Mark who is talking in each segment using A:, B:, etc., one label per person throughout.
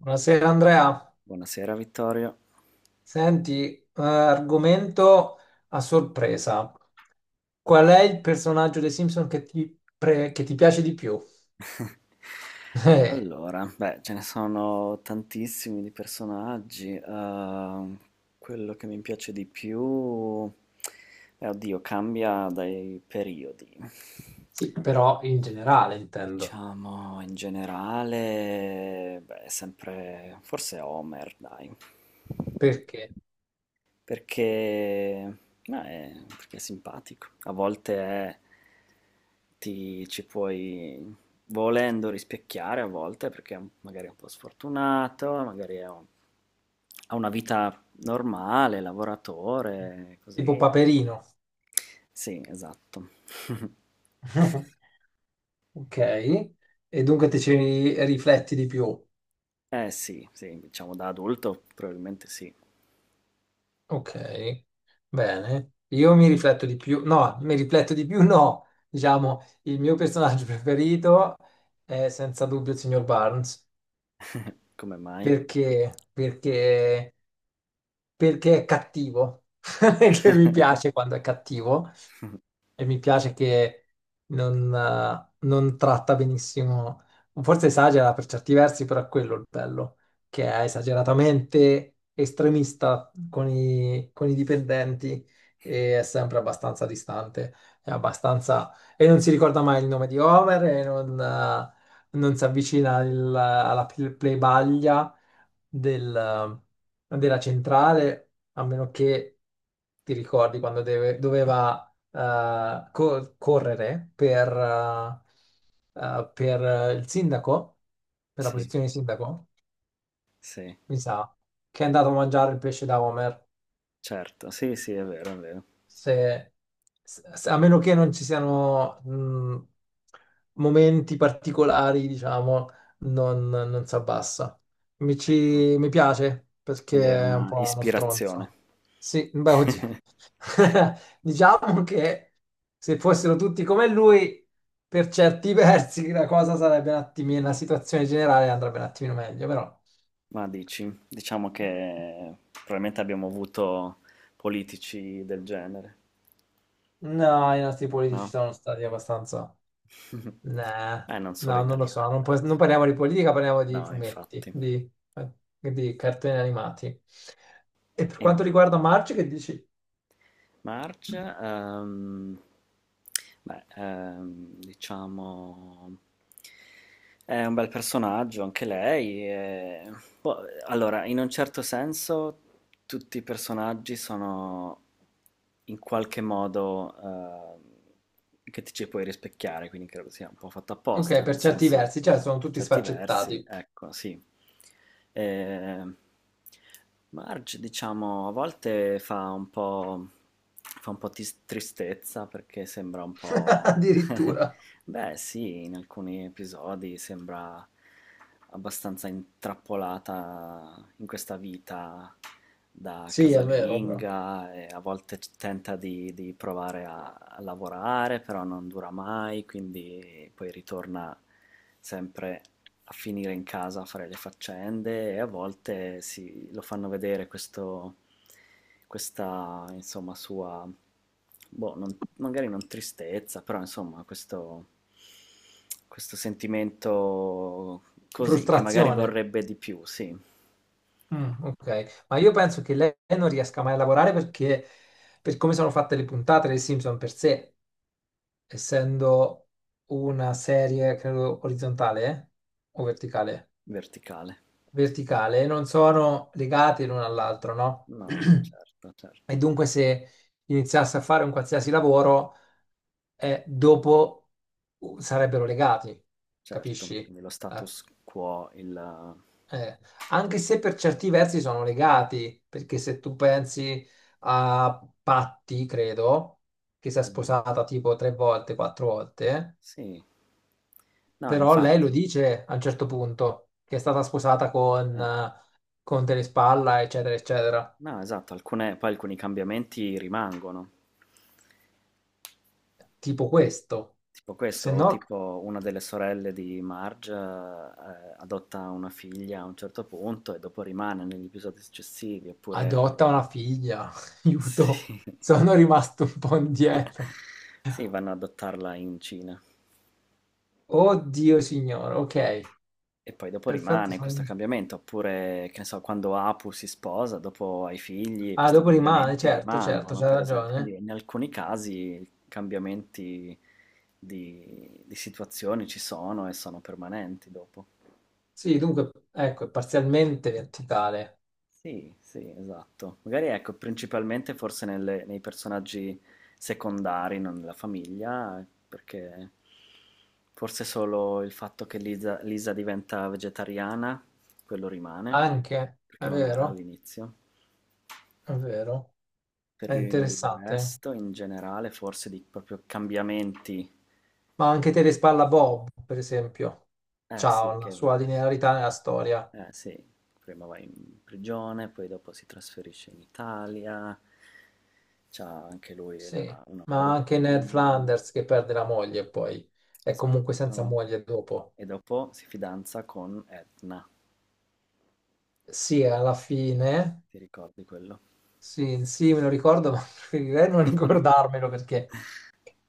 A: Buonasera Andrea,
B: Buonasera Vittorio.
A: senti, argomento a sorpresa.
B: Ok.
A: Qual è il personaggio dei Simpson che che ti piace di più? Eh,
B: Allora, beh, ce ne sono tantissimi di personaggi. Quello che mi piace di più, oddio, cambia dai periodi.
A: sì, però in generale intendo.
B: Diciamo, in generale, beh, è sempre, forse Homer, dai.
A: Perché?
B: Perché, ma è, perché è simpatico. A volte è- ci puoi volendo rispecchiare, a volte perché è magari è un po' sfortunato, magari è ha una vita normale, lavoratore, così.
A: Tipo Paperino.
B: Sì, esatto.
A: Ok, e dunque ti rifletti di più.
B: Eh sì, sì, diciamo da adulto probabilmente sì.
A: Ok, bene. Io mi rifletto di più, no, mi rifletto di più, no. Diciamo, il mio personaggio preferito è senza dubbio il signor Barnes.
B: Come mai?
A: Perché? Perché è cattivo, che mi piace quando è cattivo, e mi piace che non tratta benissimo, forse esagera per certi versi, però è quello il bello, che è esageratamente estremista con con i dipendenti e è sempre abbastanza distante, è abbastanza e non si ricorda mai il nome di Homer e non si avvicina alla plebaglia del- della centrale, a meno che ti ricordi quando doveva correre per il sindaco, per la
B: Sì,
A: posizione di sindaco,
B: sì,
A: mi sa, che è andato a mangiare il pesce da Homer.
B: certo. Sì, sì, è vero, è vero.
A: se, A meno che non ci siano momenti particolari, diciamo, non si abbassa.
B: Ecco.
A: Mi piace perché
B: Quindi è
A: è un
B: una
A: po' uno
B: ispirazione.
A: stronzo. Sì, beh, oddio. Diciamo che se fossero tutti come lui, per certi versi la cosa sarebbe un attimino, la situazione generale andrebbe un attimino meglio, però
B: Ma dici, diciamo che probabilmente abbiamo avuto politici del genere,
A: no, i nostri politici
B: no?
A: sono stati abbastanza. Nah,
B: Non solo
A: no, non lo so,
B: italiani, dai.
A: non
B: Insomma.
A: parliamo di politica, parliamo di
B: No,
A: fumetti,
B: infatti.
A: di, eh, di cartoni animati. E per
B: E
A: quanto riguarda Marge, che dici?
B: March, beh, diciamo, è un bel personaggio anche lei. Boh, allora, in un certo senso, tutti i personaggi sono in qualche modo che ti ci puoi rispecchiare, quindi credo sia un po' fatto
A: Ok,
B: apposta,
A: per
B: nel
A: certi
B: senso,
A: versi, cioè sono
B: per
A: tutti
B: certi versi,
A: sfaccettati,
B: ecco, sì. Eh, Marge, diciamo, a volte fa un po', tristezza perché sembra un po'.
A: addirittura.
B: Beh, sì, in alcuni episodi sembra abbastanza intrappolata in questa vita da
A: Sì, è vero, però.
B: casalinga e a volte tenta di provare a lavorare, però non dura mai, quindi poi ritorna sempre a finire in casa a fare le faccende e a volte lo fanno vedere questo, questa, insomma, sua, boh, magari non tristezza, però insomma, questo sentimento così, che magari
A: Frustrazione.
B: vorrebbe di più, sì,
A: Mm, ok, ma io penso che lei non riesca mai a lavorare perché, per come sono fatte le puntate dei Simpson per sé, essendo una serie, credo, orizzontale, eh? O verticale?
B: verticale.
A: Verticale, non sono legate l'uno all'altro, no?
B: No, certo,
A: E
B: certo,
A: dunque se iniziasse a fare un qualsiasi lavoro, dopo sarebbero legati,
B: certo.
A: capisci?
B: Quindi lo
A: Eh,
B: status quo, il.
A: eh, Anche se per certi versi sono legati, perché se tu pensi a Patti, credo, che si è
B: Mm,
A: sposata tipo tre volte, quattro volte,
B: sì, no,
A: però lei lo
B: infatti.
A: dice a un certo punto, che è stata sposata con,
B: eh.
A: eh, con Telespalla, eccetera, eccetera.
B: No, esatto, alcune poi alcuni cambiamenti rimangono.
A: Tipo questo.
B: Tipo questo,
A: Se
B: o
A: no,
B: tipo una delle sorelle di Marge, adotta una figlia a un certo punto e dopo rimane negli episodi successivi, oppure
A: adotta una figlia. Aiuto,
B: sì,
A: sono rimasto un po' indietro.
B: sì, vanno ad adottarla in Cina.
A: Oddio, signore, ok,
B: E poi dopo
A: perfetto.
B: rimane questo cambiamento, oppure, che ne so, quando Apu si sposa, dopo ha i figli,
A: Ah,
B: questi
A: dopo rimane,
B: cambiamenti
A: certo, certo,
B: rimangono,
A: c'ha
B: per esempio. Quindi
A: ragione.
B: in alcuni casi cambiamenti di situazioni ci sono e sono permanenti dopo.
A: Sì, dunque, ecco, è parzialmente verticale.
B: Sì, sì, esatto. Magari ecco, principalmente forse nei personaggi secondari, non nella famiglia, perché forse solo il fatto che Lisa diventa vegetariana, quello rimane.
A: Anche,
B: Perché
A: è
B: non era
A: vero?
B: all'inizio.
A: È vero. È
B: Per il
A: interessante.
B: resto, in generale, forse di proprio cambiamenti.
A: Ma anche Terespalla Bob, per esempio,
B: Eh
A: ha
B: sì,
A: una
B: che
A: sua
B: va.
A: linearità nella storia.
B: Eh sì, prima va in prigione, poi dopo si trasferisce in Italia. C'ha anche lui
A: Sì,
B: una
A: ma
B: moglie,
A: anche Ned
B: un figlio.
A: Flanders che perde la moglie poi, è comunque senza
B: Esatto.
A: moglie dopo.
B: E dopo si fidanza con Edna.
A: Sì, alla fine,
B: Ti ricordi quello?
A: sì, sì, me lo ricordo, ma preferirei non ricordarmelo perché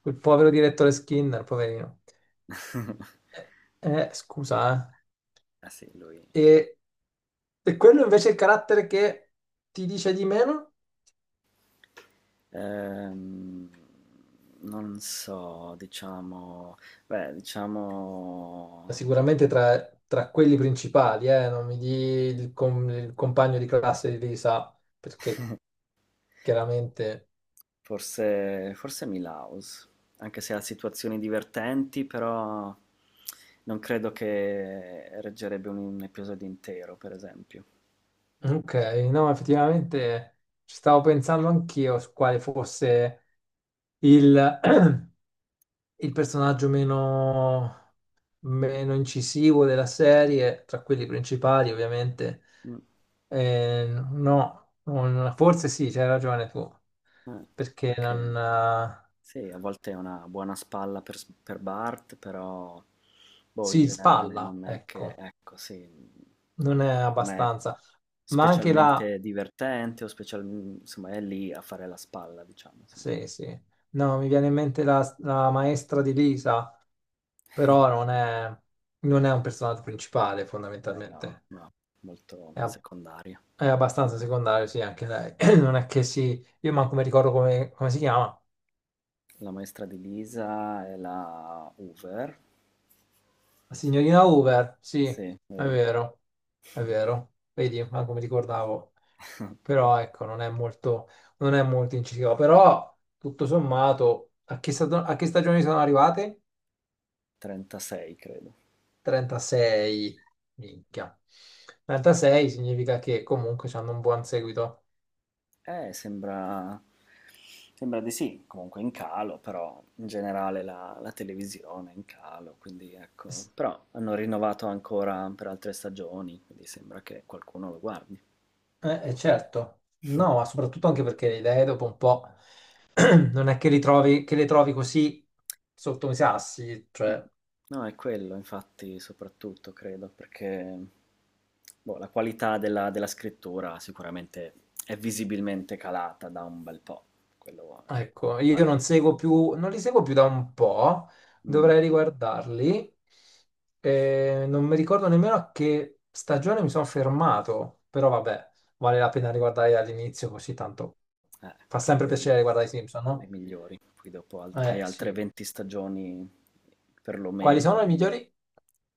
A: quel povero direttore Skinner, poverino. Eh, Scusa,
B: Ah sì, lui.
A: eh. E quello invece è il carattere che ti dice di meno?
B: Ehm, non so, diciamo, beh, diciamo,
A: Sicuramente tra quelli principali, non mi di il compagno di classe di Lisa, perché chiaramente.
B: Forse Milhouse, anche se ha situazioni divertenti, però non credo che reggerebbe un episodio intero, per esempio.
A: Ok, no, effettivamente ci stavo pensando anch'io su quale fosse il, il personaggio
B: Mh,
A: meno incisivo della serie, tra quelli principali ovviamente.
B: mh,
A: No, forse sì, c'hai ragione tu,
B: eh,
A: perché
B: perché
A: non. Eh,
B: sì, a volte è una buona spalla per Bart, però boh, in
A: si
B: generale
A: spalla,
B: non è che
A: ecco,
B: ecco, sì,
A: non è
B: non è
A: abbastanza. Ma anche la.
B: specialmente divertente o insomma è lì a fare la spalla, diciamo, sì.
A: Sì, sì. No, mi viene in mente la maestra di Lisa. Però non
B: Sì.
A: è, non è un personaggio principale
B: Eh no,
A: fondamentalmente.
B: no, molto
A: È, a-
B: secondaria.
A: è abbastanza secondario, sì, anche lei. Non è che si. Io manco mi ricordo come, come si chiama.
B: La maestra di Lisa è la Hoover.
A: La signorina Hoover, sì, è
B: Sì, vero.
A: vero, è vero. Vedi, manco mi ricordavo. Però ecco, non è molto, non è molto incisiva. Però, tutto sommato, a che stagioni sono arrivate?
B: 36, credo.
A: 36, minchia. 36 significa che comunque hanno un buon seguito.
B: Eh, sembra... Sembra di sì, comunque in calo, però in generale la, televisione è in calo, quindi ecco. Però hanno rinnovato ancora per altre stagioni, quindi sembra che qualcuno lo guardi.
A: Certo, no, ma soprattutto anche perché le idee dopo un po' non è che le trovi così sotto i sassi,
B: Mh.
A: cioè,
B: No, è quello infatti soprattutto credo, perché boh, la qualità della scrittura sicuramente è visibilmente calata da un bel po', quello è
A: ecco, io non
B: palese.
A: seguo più, non li seguo più da un po',
B: Mh,
A: dovrei riguardarli. Non mi ricordo nemmeno a che stagione mi sono fermato, però vabbè, vale la pena riguardare dall'inizio, così tanto fa
B: così
A: sempre
B: vedi
A: piacere riguardare i Simpson,
B: le
A: no?
B: migliori, poi dopo alt hai
A: Eh
B: altre
A: sì.
B: 20 stagioni
A: Quali sono
B: perlomeno,
A: i migliori?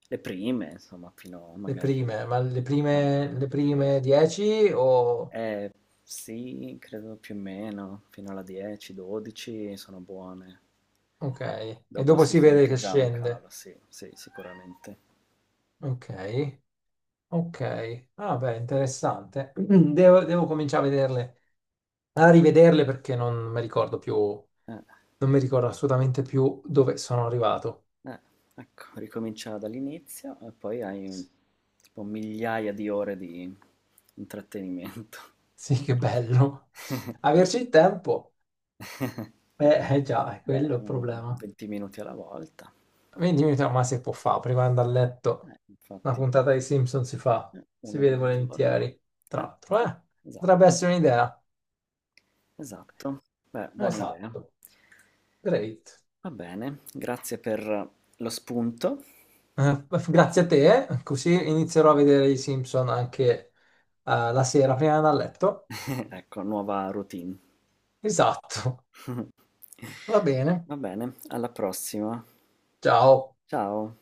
B: le prime insomma fino
A: Le
B: magari
A: prime, ma
B: fino
A: le
B: alla
A: prime
B: die
A: 10 o.
B: Eh, sì, credo più o meno, fino alla 10-12 sono buone.
A: Ok, e
B: Dopo
A: dopo
B: si
A: si vede
B: sente
A: che
B: già un
A: scende.
B: calo, sì, sì, sicuramente.
A: Ok, ok. Ah beh, interessante. Devo, devo cominciare a vederle, a rivederle perché non mi ricordo più,
B: Eh,
A: non mi ricordo assolutamente più dove sono arrivato.
B: eh, ecco, ricomincia dall'inizio e poi hai tipo migliaia di ore di intrattenimento.
A: Sì, che bello. Averci il tempo, eh, già, è quello
B: Beh,
A: il
B: un
A: problema.
B: 20 minuti alla volta,
A: Vedi, mi sa, ma si può fare prima di andare a letto. Una
B: infatti,
A: puntata dei Simpson si fa, si
B: uno o
A: vede
B: due al giorno.
A: volentieri. Tra
B: Eh,
A: l'altro, eh? Potrebbe
B: esatto,
A: essere un'idea.
B: esatto. Beh, buona idea.
A: Esatto, great.
B: Va bene, grazie per lo spunto.
A: Grazie a te, così inizierò a vedere i Simpson anche la sera prima di andare a letto.
B: Ecco, nuova routine.
A: Esatto, va bene.
B: Va bene, alla prossima.
A: Ciao.
B: Ciao.